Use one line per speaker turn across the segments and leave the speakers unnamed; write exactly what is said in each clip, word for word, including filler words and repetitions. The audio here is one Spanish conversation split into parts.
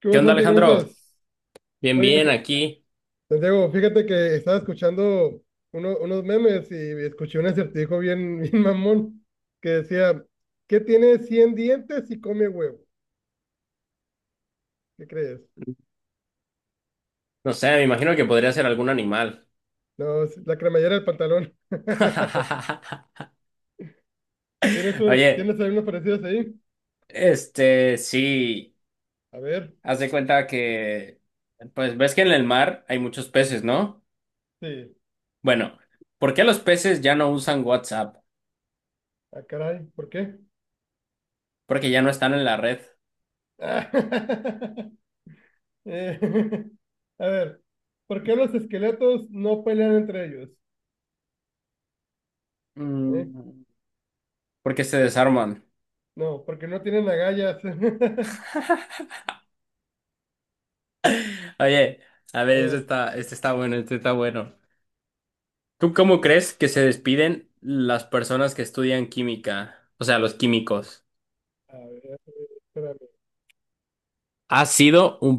¿Qué
¿Qué
hubo,
onda,
Santi? ¿Cómo
Alejandro?
estás?
Bien,
Oye,
bien,
S-
aquí.
Santiago, fíjate que estaba escuchando uno- unos memes y escuché un acertijo bien, bien mamón que decía, ¿qué tiene cien dientes y come huevo? ¿Qué crees?
No sé, me imagino que podría ser algún animal.
No, es la cremallera del pantalón. ¿Tienes un,
Oye,
tienes algunos parecidos ahí?
este, sí,
A ver,
haz de cuenta que, pues ves que en el mar hay muchos peces, ¿no?
sí.
Bueno, ¿por qué los peces ya no usan WhatsApp?
Ah, caray, ¿por qué?
Porque ya no están en la red.
Eh, a ver, ¿por qué los esqueletos no pelean entre ellos? ¿Eh?
Mm. Porque se desarman.
No, porque no tienen agallas.
Oye, a
A
ver, este
ver,
está, este está bueno, este está bueno. ¿Tú
a
cómo
ver,
crees que se despiden las personas que estudian química? O sea, los químicos.
a ver, espérame.
Ha sido un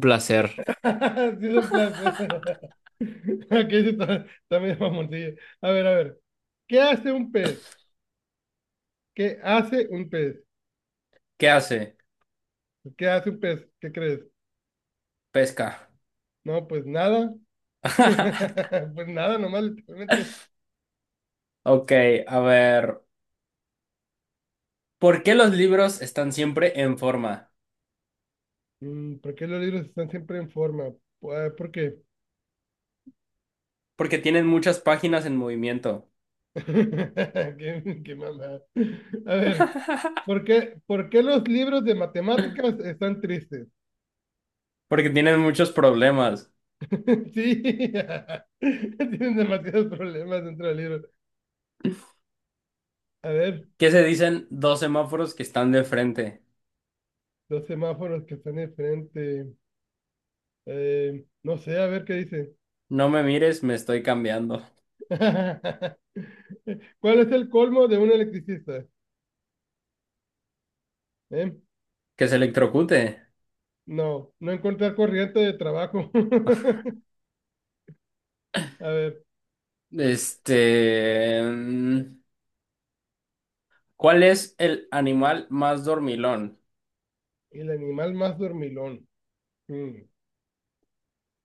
placer.
Sí, es en plan. Ok, sí, está, está medio mamoncillo. A ver, a ver. ¿Qué hace un pez? ¿Qué hace un pez?
¿Qué hace?
¿Qué hace un pez? ¿Qué crees?
Pesca.
No, pues nada. Pues nada, nomás literalmente.
Ok, a ver. ¿Por qué los libros están siempre en forma?
Mm, ¿Por qué los libros están siempre en forma? Pues, ah, ¿por qué?
Porque tienen muchas páginas en movimiento.
Qué, qué mamada. A ver, ¿por qué, por qué los libros de matemáticas están tristes?
Porque tienen muchos problemas.
Sí, tienen demasiados problemas dentro del libro. A ver,
¿Qué se dicen dos semáforos que están de frente?
los semáforos que están enfrente. Eh, no sé, a ver qué dice.
No me mires, me estoy cambiando.
¿Cuál es el colmo de un electricista? ¿Eh?
Que se electrocute.
No, no encontrar corriente de trabajo. A ver,
Este... mm, ¿Cuál es el animal más dormilón?
el animal más dormilón. Mm,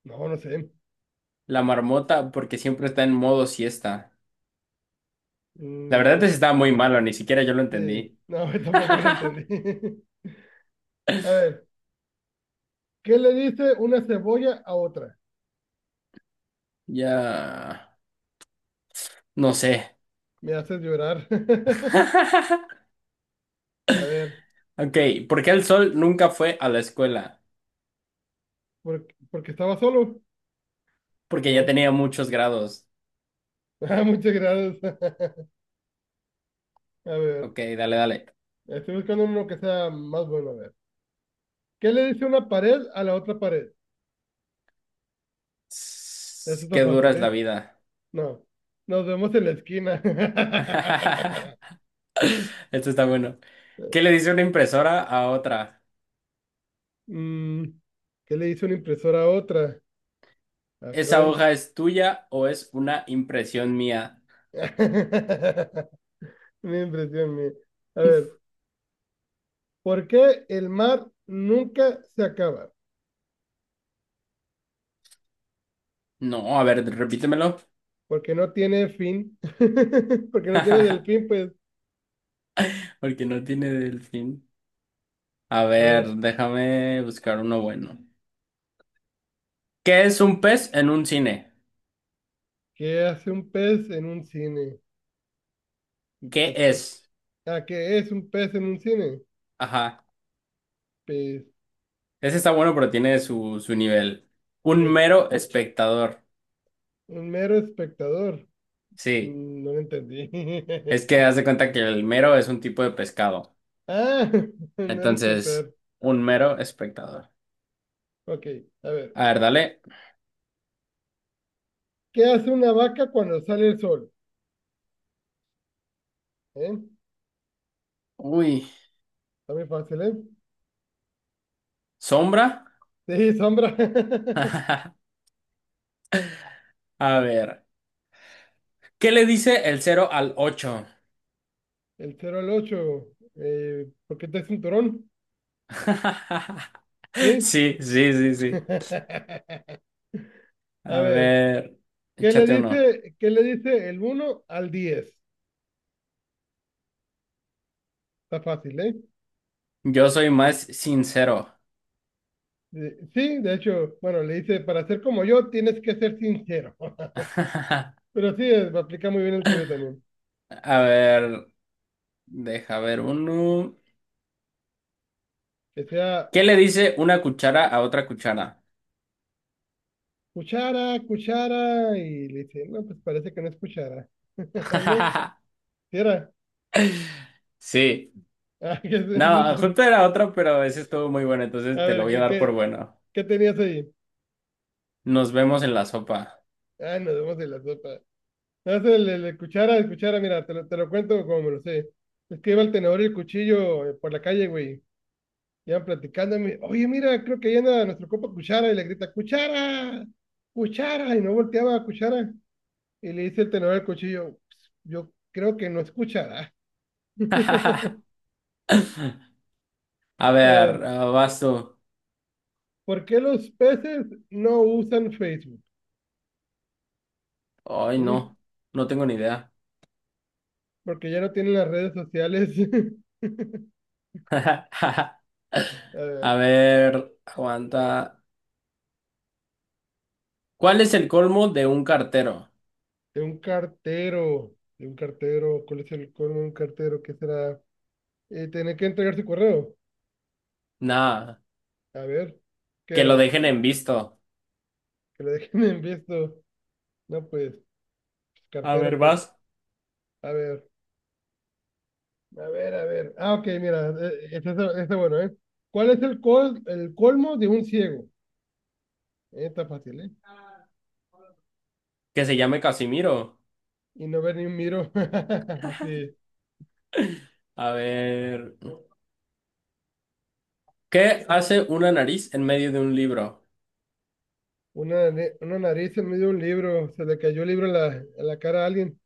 no, no sé.
La marmota, porque siempre está en modo siesta. La
Mm,
verdad es que
no
estaba muy malo, ni siquiera yo lo
sé.
entendí.
No, tampoco lo entendí. A ver, ¿qué le dice una cebolla a otra?
Ya, no sé.
Me haces llorar. A ver.
Ok, ¿por qué el sol nunca fue a la escuela?
¿Por- porque estaba solo?
Porque ya
No.
tenía muchos grados.
Ah, muchas gracias. A ver,
Ok, dale, dale.
estoy buscando uno que sea más bueno. A ver, ¿qué le dice una pared a la otra pared? Eso
Sss,
está
qué dura
fácil,
es la
¿eh?
vida.
No. Nos vemos en la esquina.
Esto está bueno. ¿Qué le dice una impresora a otra?
Mm, ¿qué le dice una impresora a otra? Ah,
¿Esa
caray.
hoja es tuya o es una impresión mía?
Mi impresión, mía. A ver, ¿por qué el mar nunca se acaba?
No, a ver, repítemelo.
Porque no tiene fin. Porque no tiene delfín, pues.
Porque no tiene del fin. A
A
ver,
ver.
déjame buscar uno bueno. ¿Qué es un pez en un cine?
¿Qué hace un pez en un cine? Pues
¿Qué
pez, pez.
es?
Ah, ¿qué es un pez en un cine?
Ajá.
Pez,
Ese está bueno, pero tiene su, su nivel. Un
pez.
mero espectador.
Un mero espectador.
Sí.
Mm, No lo entendí.
Es que haz de cuenta que el mero es un tipo de pescado.
Ah, un mero
Entonces,
espectador.
un mero espectador.
Ok, a ver.
A ver, dale.
¿Qué hace una vaca cuando sale el sol? ¿Eh?
Uy.
Está muy fácil, ¿eh?
¿Sombra?
Sí, sombra.
A ver. ¿Qué le dice el cero al ocho?
El cero al ocho. Eh, ¿por qué te cinturón? ¿Sí?
Sí, sí, sí, sí.
A
A
ver.
ver.
¿Qué le
Échate uno.
dice, qué le dice el uno al diez? Está fácil, ¿eh?
Yo soy más sincero.
Eh, Sí, de hecho, bueno, le dice, para ser como yo tienes que ser sincero.
A
Pero sí, eh, aplica muy bien el tuyo también.
ver. Deja ver uno.
Que sea
¿Qué le dice una cuchara a otra cuchara?
cuchara, cuchara, y le dice, no, pues parece que no es cuchara. No, sí era.
Sí.
Ah, que es, es un
No,
chiste.
justo era otra, pero ese estuvo muy bueno, entonces
A
te lo
ver,
voy a
¿qué,
dar por
qué,
bueno.
qué tenías ahí?
Nos vemos en la sopa.
Ah, nos vemos en la sopa. No, es el, el- el cuchara, el cuchara, mira, te lo, te lo cuento como me lo sé. Es que iba el tenedor y el cuchillo eh, por la calle, güey. Iban platicando, y me, oye, mira, creo que llena nuestro copa Cuchara y le grita, Cuchara, Cuchara, y no volteaba a Cuchara. Y le dice el tenedor al cuchillo, "Pues, yo creo que no es Cuchara".
A ver,
Eh,
ah, vas tú.
¿Por qué los peces no usan Facebook?
Ay,
¿Mm?
no, no tengo ni idea.
Porque ya no tienen las redes sociales. A
A
ver,
ver, aguanta. ¿Cuál es el colmo de un cartero?
de un cartero, de un cartero, ¿cuál es el colmo de un cartero? ¿Qué será? Eh, tener que entregar su correo.
Nada,
A ver, ¿qué
que lo
era?
dejen en visto.
Que lo dejen en visto. No, pues,
A ver,
cartero, pues,
vas.
a ver, a ver, a ver. Ah, ok, mira, eh, este, este, este bueno, ¿eh? ¿Cuál es el, col, el colmo de un ciego? Eh, está fácil, ¿eh?
Que se llame Casimiro.
Y no ver ni un miro. Sí,
A ver. ¿Qué hace una nariz en medio de un libro?
una, nare- una nariz en medio de un libro, se le cayó el libro en la, en la, cara a alguien.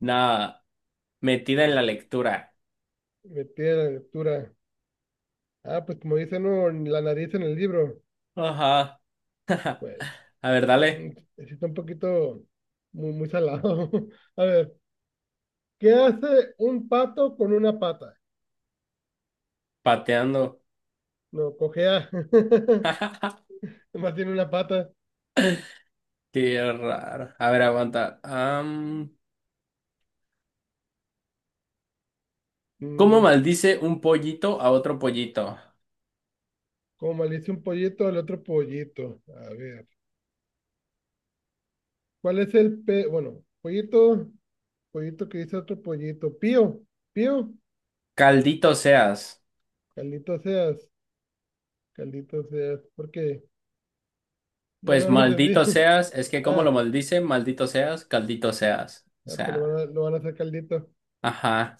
Nada, metida en la lectura.
Metida la lectura. Ah, pues como dice, no, la nariz en el libro.
Ajá.
Bueno,
A ver,
mm,
dale,
sí está un poquito muy, muy salado. A ver, ¿qué hace un pato con una pata?
pateando.
No, cojea. Nomás tiene una pata.
Qué raro. A ver, aguanta. Am, ¿cómo
Mm,
maldice un pollito a otro pollito?
como maldice un pollito al otro pollito. A ver. ¿Cuál es el pe... Bueno, pollito, pollito que dice otro pollito. Pío, pío.
Caldito seas.
Caldito seas, caldito seas. ¿Por qué? No,
Pues
no lo entendí.
maldito seas, es que ¿cómo lo
Ah,
maldice? Maldito seas, caldito seas. O
ya, pues lo van
sea,
a, lo van a hacer caldito.
ajá.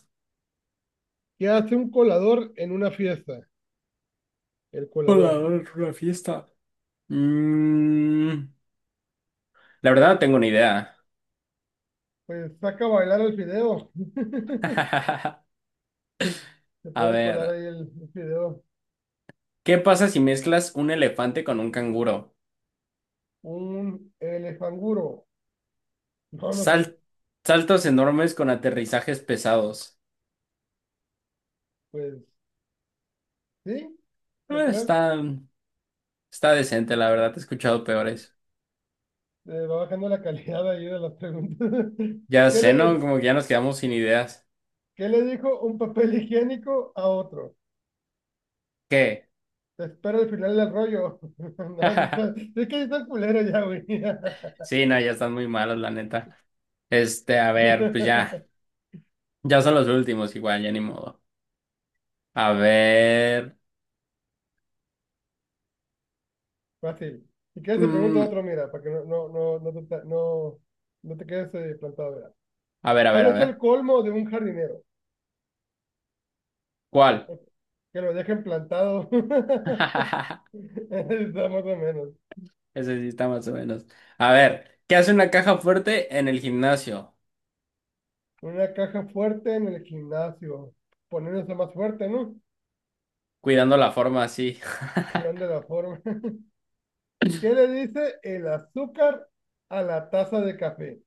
¿Qué hace un colador en una fiesta? El
Hola,
colador.
hola, una fiesta. Mm, la verdad no tengo ni idea.
Pues saca a bailar el fideo. Se
A
pone a colar
ver.
ahí el, el fideo.
¿Qué pasa si mezclas un elefante con un canguro?
Un elefanguro. No, no sé.
Sal- saltos enormes con aterrizajes pesados.
Pues sí, yo
Eh,
creo.
Está, está decente, la verdad. He escuchado peores.
Eh, va bajando la calidad ahí de las preguntas.
Ya
¿Qué
sé,
le,
¿no? Como que ya nos quedamos sin ideas.
qué le dijo un papel higiénico a otro?
¿Qué?
Te espero al final del rollo. No, sí está- sí es que sí está culero ya, güey.
Sí, no, ya están muy malos, la neta. Este, a ver, pues ya. Ya son los últimos, igual, ya ni modo. A ver.
Fácil. Si quieres te pregunto
mm,
otro, mira, para que no, no, no, no, te, ta- no, no te quedes eh, plantado, mira.
a ver, a
¿Cuál
ver, a
es el
ver.
colmo de un jardinero?
¿Cuál?
Que lo dejen plantado. Está más o menos.
Ese sí está más o menos. A ver, ¿qué hace una caja fuerte en el gimnasio?
Una caja fuerte en el gimnasio. Poniéndose más fuerte, ¿no?
Cuidando la forma así.
Cuidando la forma. ¿Qué le dice el azúcar a la taza de café?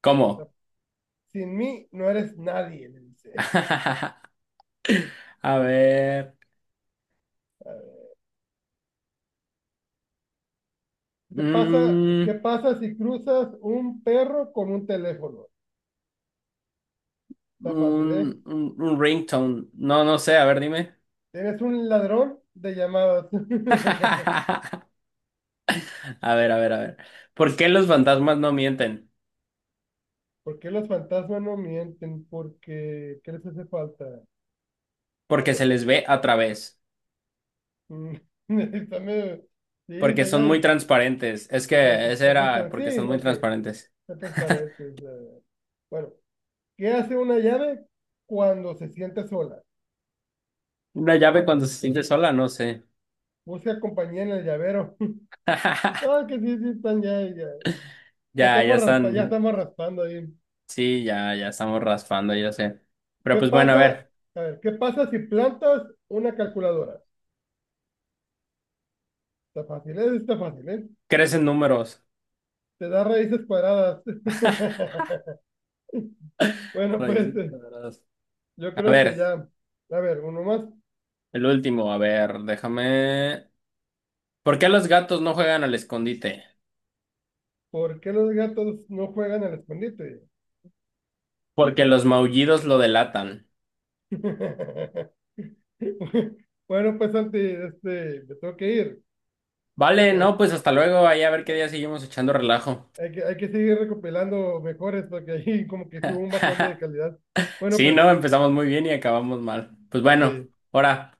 ¿Cómo?
Sin mí no eres nadie, le dice.
A ver.
A ver, ¿Qué pasa,
Mm,
qué pasa si cruzas un perro con un teléfono? Está fácil, ¿eh?
un, un, un ringtone. No, no sé. A ver, dime.
Eres un ladrón de llamadas.
A ver, a ver, a ver. ¿Por qué los fantasmas no mienten?
¿Por qué los fantasmas no mienten? Porque, ¿qué les hace falta? A
Porque se
ver.
les ve a través.
mm, está Sí,
Porque
está
son
ya-
muy transparentes. Es que ese
perfecto. Entonces,
era
para,
porque
sí,
son muy
ok.
transparentes.
Entonces, para esto es, eh, bueno, ¿qué hace una llave cuando se siente sola?
Una llave cuando se siente sola, no sé.
Busca compañía en el llavero. No, que sí, sí, están ya, ya, ya
Ya, ya
estamos raspa, ya
están.
estamos raspando ahí.
Sí, ya, ya estamos raspando, ya sé. Pero
¿Qué
pues bueno, a
pasa?
ver.
A ver, ¿qué pasa si plantas una calculadora? Está fácil, ¿eh? Está fácil, ¿eh?
Crecen números.
Te da raíces cuadradas. Bueno, pues
Raíces
eh,
cuadradas.
yo
A
creo que
ver,
ya. A ver, uno más.
el último, a ver, déjame. ¿Por qué los gatos no juegan al escondite?
¿Por qué los gatos no juegan al escondite?
Porque
¿Por
los maullidos lo delatan.
Bueno, pues Santi, este, me tengo que ir.
Vale, no,
Eh,
pues hasta luego, ahí a ver qué día seguimos echando
eh,
relajo.
hay que, hay que seguir recopilando mejores porque ahí como que sí hubo un bajón de calidad. Bueno,
Sí, no,
pues
empezamos muy bien y acabamos mal. Pues bueno,
sí.
ahora.